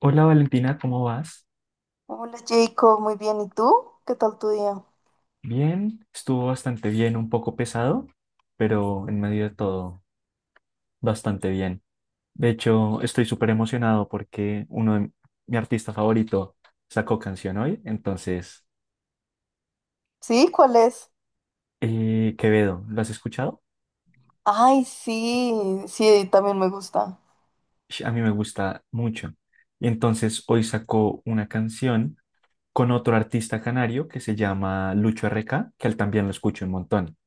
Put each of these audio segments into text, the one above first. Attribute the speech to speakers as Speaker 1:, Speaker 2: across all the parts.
Speaker 1: Hola Valentina, ¿cómo vas?
Speaker 2: Hola Jacob, muy bien. ¿Y tú? ¿Qué tal tu día?
Speaker 1: Bien, estuvo bastante bien, un poco pesado, pero en medio de todo, bastante bien. De hecho, estoy súper emocionado porque uno de mi artista favorito sacó canción hoy, entonces,
Speaker 2: ¿Sí? ¿Cuál es?
Speaker 1: Quevedo, ¿lo has escuchado?
Speaker 2: Ay, sí, sí, también me gusta.
Speaker 1: A mí me gusta mucho. Y entonces hoy sacó una canción con otro artista canario que se llama Lucho RK, que él también lo escucho un montón.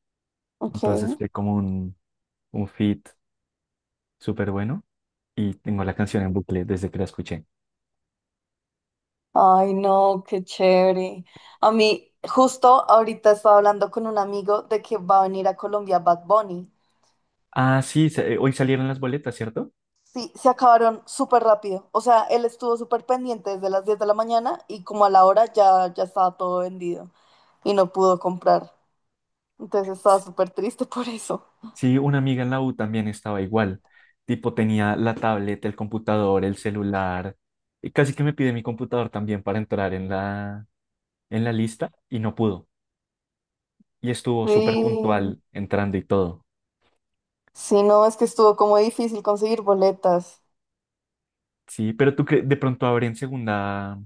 Speaker 2: Ok.
Speaker 1: Entonces fue como un feat súper bueno. Y tengo la canción en bucle desde que la escuché.
Speaker 2: Ay, no, qué chévere. A mí, justo ahorita estaba hablando con un amigo de que va a venir a Colombia Bad Bunny.
Speaker 1: Ah, sí, hoy salieron las boletas, ¿cierto?
Speaker 2: Sí, se acabaron súper rápido. O sea, él estuvo súper pendiente desde las 10 de la mañana y como a la hora ya estaba todo vendido y no pudo comprar. Entonces estaba
Speaker 1: S-
Speaker 2: súper triste por eso.
Speaker 1: Sí, una amiga en la U también estaba igual. Tipo, tenía la tablet, el computador, el celular. Y casi que me pide mi computador también para entrar en la lista y no pudo. Y estuvo súper
Speaker 2: Sí.
Speaker 1: puntual entrando y todo.
Speaker 2: Sí, no, es que estuvo como difícil conseguir boletas.
Speaker 1: Sí, pero tú que de pronto abren segunda,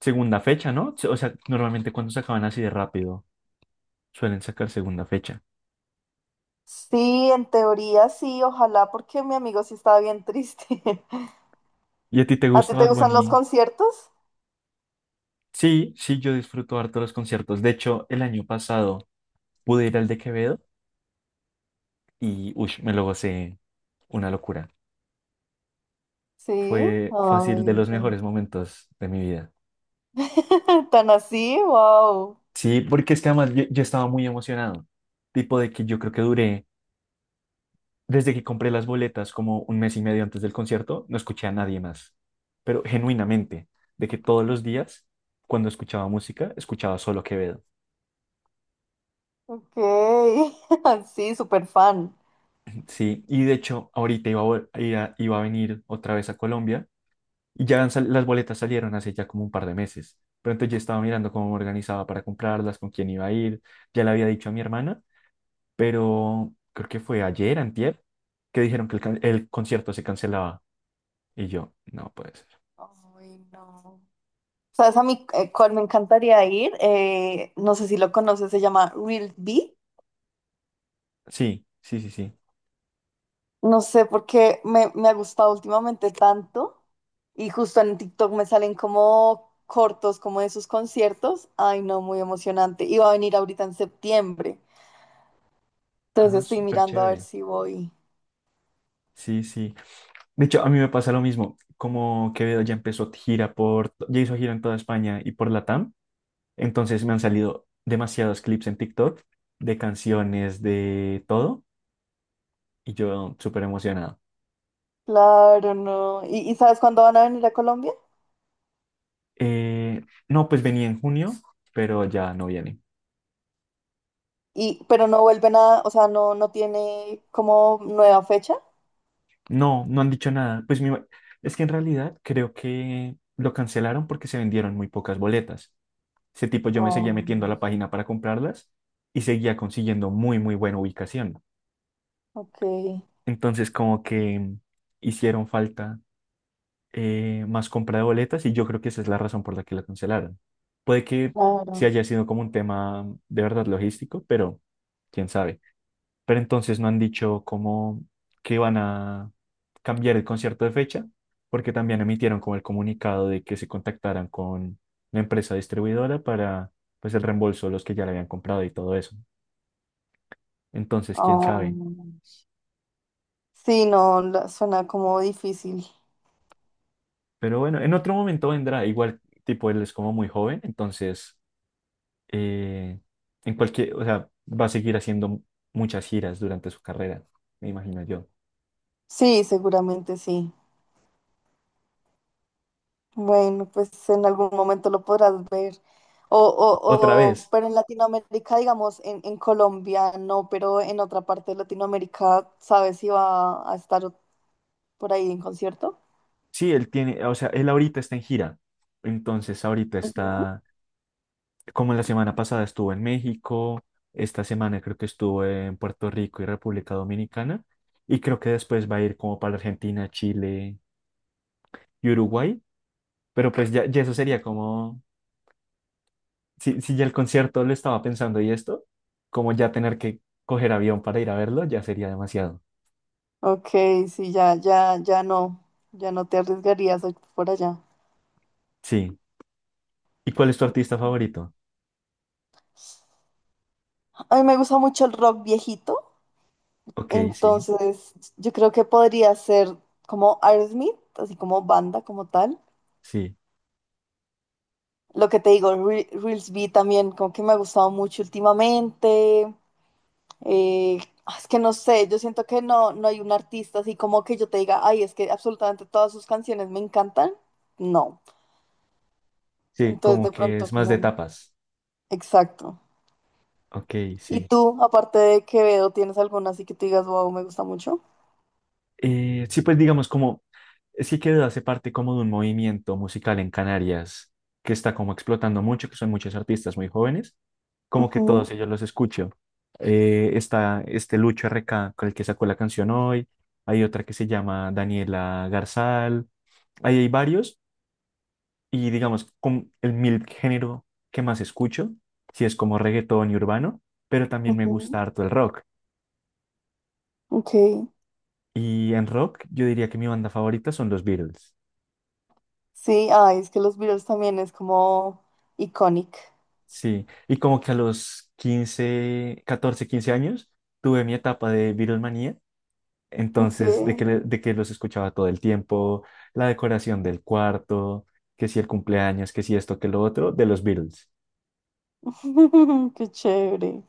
Speaker 1: segunda fecha, ¿no? O sea, normalmente cuando se acaban así de rápido, suelen sacar segunda fecha.
Speaker 2: Sí, en teoría sí, ojalá, porque mi amigo sí estaba bien triste.
Speaker 1: ¿Y a ti te
Speaker 2: ¿A ti
Speaker 1: gusta
Speaker 2: te
Speaker 1: Bad
Speaker 2: gustan los
Speaker 1: Bunny?
Speaker 2: conciertos?
Speaker 1: Sí, sí, yo disfruto harto los conciertos. De hecho, el año pasado pude ir al de Quevedo y uy, me lo gocé una locura.
Speaker 2: Sí.
Speaker 1: Fue
Speaker 2: Ay,
Speaker 1: fácil
Speaker 2: me
Speaker 1: de los mejores
Speaker 2: encanta.
Speaker 1: momentos de mi vida.
Speaker 2: ¿Tan así? Wow.
Speaker 1: Sí, porque es que además yo estaba muy emocionado. Tipo de que yo creo que duré, desde que compré las boletas, como un mes y medio antes del concierto, no escuché a nadie más. Pero genuinamente, de que todos los días, cuando escuchaba música, escuchaba solo Quevedo.
Speaker 2: Ok. Sí, súper fan.
Speaker 1: Sí, y de hecho, ahorita iba a venir otra vez a Colombia. Y las boletas salieron hace ya como un par de meses. Pero entonces yo estaba mirando cómo me organizaba para comprarlas, con quién iba a ir. Ya le había dicho a mi hermana, pero creo que fue ayer, antier, que dijeron que el concierto se cancelaba. Y yo, no puede ser.
Speaker 2: Ay, no. ¿Sabes a mí cuál me encantaría ir? No sé si lo conoces, se llama Real B.
Speaker 1: Sí, sí, sí, sí.
Speaker 2: No sé por qué me ha gustado últimamente tanto y justo en TikTok me salen como cortos como de sus conciertos. Ay, no, muy emocionante. Y va a venir ahorita en septiembre.
Speaker 1: Ah,
Speaker 2: Entonces estoy
Speaker 1: súper
Speaker 2: mirando a ver
Speaker 1: chévere.
Speaker 2: si voy.
Speaker 1: Sí, sí. De hecho, a mí me pasa lo mismo. Como Quevedo ya empezó gira por, ya hizo gira en toda España y por Latam. Entonces me han salido demasiados clips en TikTok de canciones, de todo. Y yo súper emocionado.
Speaker 2: Claro, no. Y sabes cuándo van a venir a Colombia?
Speaker 1: Eh, no, pues venía en junio, pero ya no viene.
Speaker 2: Y, pero no vuelven a, o sea, no, no tiene como nueva fecha.
Speaker 1: No, no han dicho nada. Es que en realidad creo que lo cancelaron porque se vendieron muy pocas boletas. Ese tipo yo me seguía metiendo a
Speaker 2: Oh,
Speaker 1: la página para comprarlas y seguía consiguiendo muy, muy buena ubicación.
Speaker 2: ok,
Speaker 1: Entonces como que hicieron falta más compra de boletas y yo creo que esa es la razón por la que la cancelaron. Puede que sí
Speaker 2: claro.
Speaker 1: haya sido como un tema de verdad logístico, pero quién sabe. Pero entonces no han dicho cómo que van a cambiar el concierto de fecha, porque también emitieron como el comunicado de que se contactaran con la empresa distribuidora para pues el reembolso de los que ya le habían comprado y todo eso. Entonces, quién
Speaker 2: Oh.
Speaker 1: sabe.
Speaker 2: Sí, no, suena como difícil.
Speaker 1: Pero bueno, en otro momento vendrá. Igual, tipo, él es como muy joven, entonces, eh, en cualquier, o sea, va a seguir haciendo muchas giras durante su carrera, me imagino yo.
Speaker 2: Sí, seguramente sí. Bueno, pues en algún momento lo podrás ver.
Speaker 1: Otra vez.
Speaker 2: Pero en Latinoamérica, digamos, en Colombia no, pero en otra parte de Latinoamérica, ¿sabes si va a estar por ahí en concierto?
Speaker 1: Sí, él tiene, o sea, él ahorita está en gira. Entonces, ahorita
Speaker 2: Ujú.
Speaker 1: está, como la semana pasada estuvo en México, esta semana creo que estuvo en Puerto Rico y República Dominicana, y creo que después va a ir como para Argentina, Chile y Uruguay. Pero pues ya, ya eso sería como, si ya el concierto lo estaba pensando y esto, como ya tener que coger avión para ir a verlo, ya sería demasiado.
Speaker 2: Ok, sí, ya, ya, ya no te arriesgarías a ir por allá.
Speaker 1: Sí. ¿Y cuál es tu artista favorito?
Speaker 2: A mí me gusta mucho el rock viejito,
Speaker 1: Ok, sí,
Speaker 2: entonces yo creo que podría ser como Aerosmith, así como banda, como tal.
Speaker 1: sí,
Speaker 2: Lo que te digo, Reels B también, como que me ha gustado mucho últimamente. Eh, es que no sé, yo siento que no hay un artista así como que yo te diga, ay, es que absolutamente todas sus canciones me encantan. No.
Speaker 1: sí,
Speaker 2: Entonces,
Speaker 1: como
Speaker 2: de
Speaker 1: que
Speaker 2: pronto,
Speaker 1: es más de
Speaker 2: como,
Speaker 1: tapas.
Speaker 2: exacto.
Speaker 1: Ok,
Speaker 2: ¿Y
Speaker 1: sí.
Speaker 2: tú, aparte de Quevedo, tienes alguna así que te digas, wow, me gusta mucho?
Speaker 1: Sí, pues digamos como, es que Quevedo hace parte como de un movimiento musical en Canarias que está como explotando mucho, que son muchos artistas muy jóvenes, como que
Speaker 2: Ujú,
Speaker 1: todos ellos los escucho. Está este Lucho RK con el que sacó la canción hoy, hay otra que se llama Daniela Garzal, ahí hay varios y digamos con el mil género que más escucho, si es como reggaetón y urbano, pero también me
Speaker 2: ujú,
Speaker 1: gusta harto el rock.
Speaker 2: ok.
Speaker 1: Y en rock yo diría que mi banda favorita son los Beatles.
Speaker 2: Sí, ay, es que los Beatles también es como iconic.
Speaker 1: Sí, y como que a los 15, 14, 15 años tuve mi etapa de Beatlemanía,
Speaker 2: Ok.
Speaker 1: entonces de que, de que los escuchaba todo el tiempo, la decoración del cuarto, que si el cumpleaños, que si esto, que lo otro, de los Beatles.
Speaker 2: Qué chévere.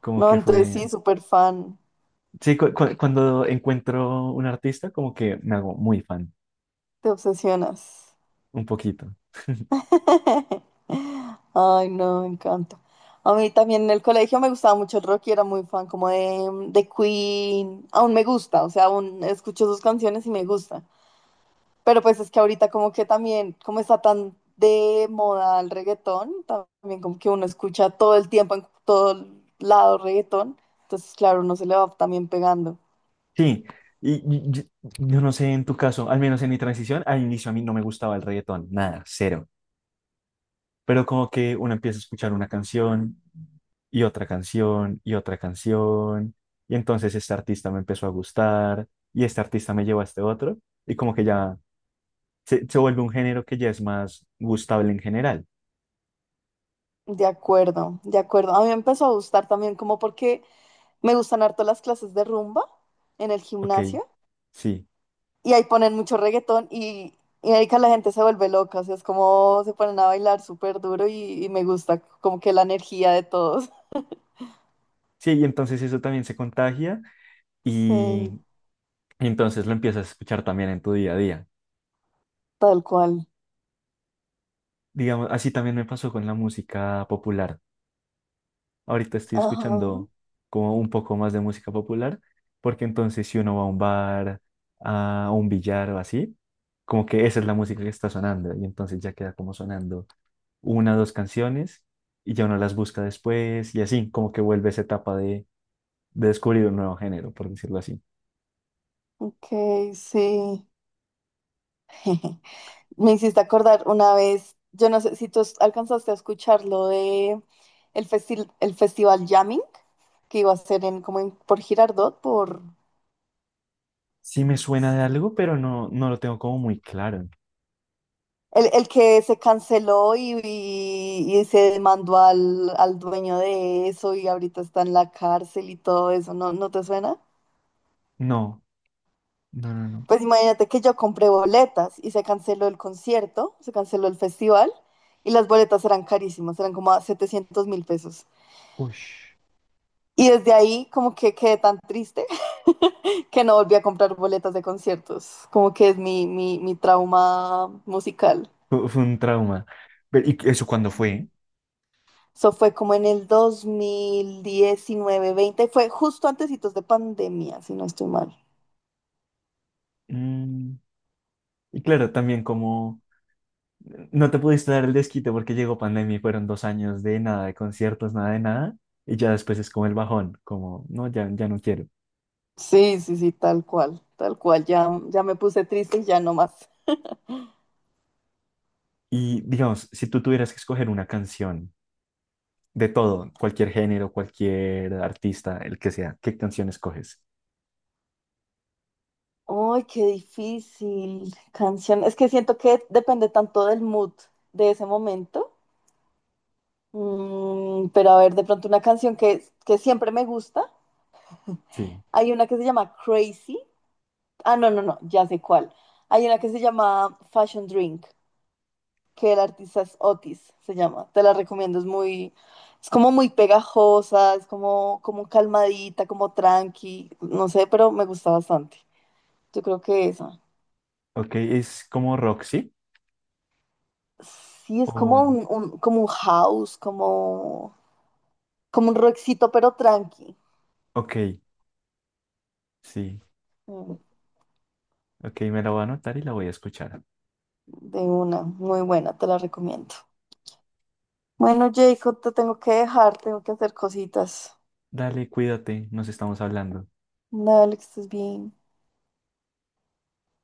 Speaker 1: Como
Speaker 2: No,
Speaker 1: que
Speaker 2: entonces
Speaker 1: fue,
Speaker 2: sí, súper fan.
Speaker 1: sí, cuando encuentro un artista, como que me hago muy fan,
Speaker 2: Te obsesionas.
Speaker 1: un poquito.
Speaker 2: Ay, no, me encanta. A mí también en el colegio me gustaba mucho el rock y era muy fan como de Queen. Aún me gusta, o sea, aún escucho sus canciones y me gusta. Pero pues es que ahorita como que también, como está tan de moda el reggaetón, también como que uno escucha todo el tiempo en todo lado reggaetón. Entonces, claro, uno se le va también pegando.
Speaker 1: Sí, y, y- y- yo no sé en tu caso, al menos en mi transición, al inicio a mí no me gustaba el reggaetón, nada. Pero como que uno empieza a escuchar una canción y otra canción y otra canción. Y entonces este artista me empezó a gustar y este artista me llevó a este otro. Y como que ya se vuelve un género que ya es más gustable en general.
Speaker 2: De acuerdo, de acuerdo. A mí me empezó a gustar también como porque me gustan harto las clases de rumba en el
Speaker 1: Ok,
Speaker 2: gimnasio.
Speaker 1: sí.
Speaker 2: Y ahí ponen mucho reggaetón y ahí que la gente se vuelve loca, o sea, es como se ponen a bailar súper duro y me gusta como que la energía de todos.
Speaker 1: Sí, y entonces eso también se contagia
Speaker 2: Sí,
Speaker 1: y entonces lo empiezas a escuchar también en tu día a día.
Speaker 2: tal cual.
Speaker 1: Digamos, así también me pasó con la música popular. Ahorita estoy
Speaker 2: Ajá,
Speaker 1: escuchando como un poco más de música popular, porque entonces si uno va a un bar, a un billar o así, como que esa es la música que está sonando y entonces ya queda como sonando una dos canciones y ya uno las busca después y así, como que vuelve esa etapa de descubrir un nuevo género, por decirlo así.
Speaker 2: ok, sí. Me hiciste acordar una vez, yo no sé si tú alcanzaste a escuchar lo de el festival Jamming que iba a ser en, como por Girardot, por,
Speaker 1: Sí me suena de algo, pero no, no lo tengo como muy claro.
Speaker 2: El que se canceló y se demandó al dueño de eso y ahorita está en la cárcel y todo eso, ¿no, no te suena?
Speaker 1: No, no, no, no.
Speaker 2: Pues imagínate que yo compré boletas y se canceló el concierto, se canceló el festival y las boletas eran carísimas, eran como a $700.000.
Speaker 1: Ush.
Speaker 2: Y desde ahí como que quedé tan triste que no volví a comprar boletas de conciertos, como que es mi, mi trauma musical.
Speaker 1: Fue un trauma. Pero, ¿y eso cuándo fue?
Speaker 2: Eso fue como en el 2019-20, fue justo antecitos de pandemia, si no estoy mal.
Speaker 1: Mm, y claro, también como no te pudiste dar el desquite porque llegó pandemia y fueron 2 años de nada, de conciertos, nada de nada. Y ya después es como el bajón, como, no, ya, ya no quiero.
Speaker 2: Sí, sí, sí, tal cual, ya, ya me puse triste y ya no más.
Speaker 1: Y digamos, si tú tuvieras que escoger una canción de todo, cualquier género, cualquier artista, el que sea, ¿qué canción escoges?
Speaker 2: Ay, qué difícil canción. Es que siento que depende tanto del mood de ese momento. Mm, pero a ver, de pronto una canción que siempre me gusta.
Speaker 1: Sí.
Speaker 2: Hay una que se llama Crazy. Ah, no, no, no, ya sé cuál. Hay una que se llama Fashion Drink. Que el artista es Otis, se llama. Te la recomiendo, es muy, es como muy pegajosa, es como, como calmadita, como tranqui, no sé, pero me gusta bastante. Yo creo que esa.
Speaker 1: Ok, es como Roxy.
Speaker 2: Sí, es como
Speaker 1: O,
Speaker 2: como un house, como, como un rockcito, pero tranqui.
Speaker 1: ok, sí.
Speaker 2: Mm,
Speaker 1: Ok, me la voy a anotar y la voy a escuchar.
Speaker 2: de una, muy buena, te la recomiendo. Bueno, Jacob, te tengo que dejar, tengo que hacer cositas.
Speaker 1: Dale, cuídate, nos estamos hablando.
Speaker 2: Dale, que estés bien.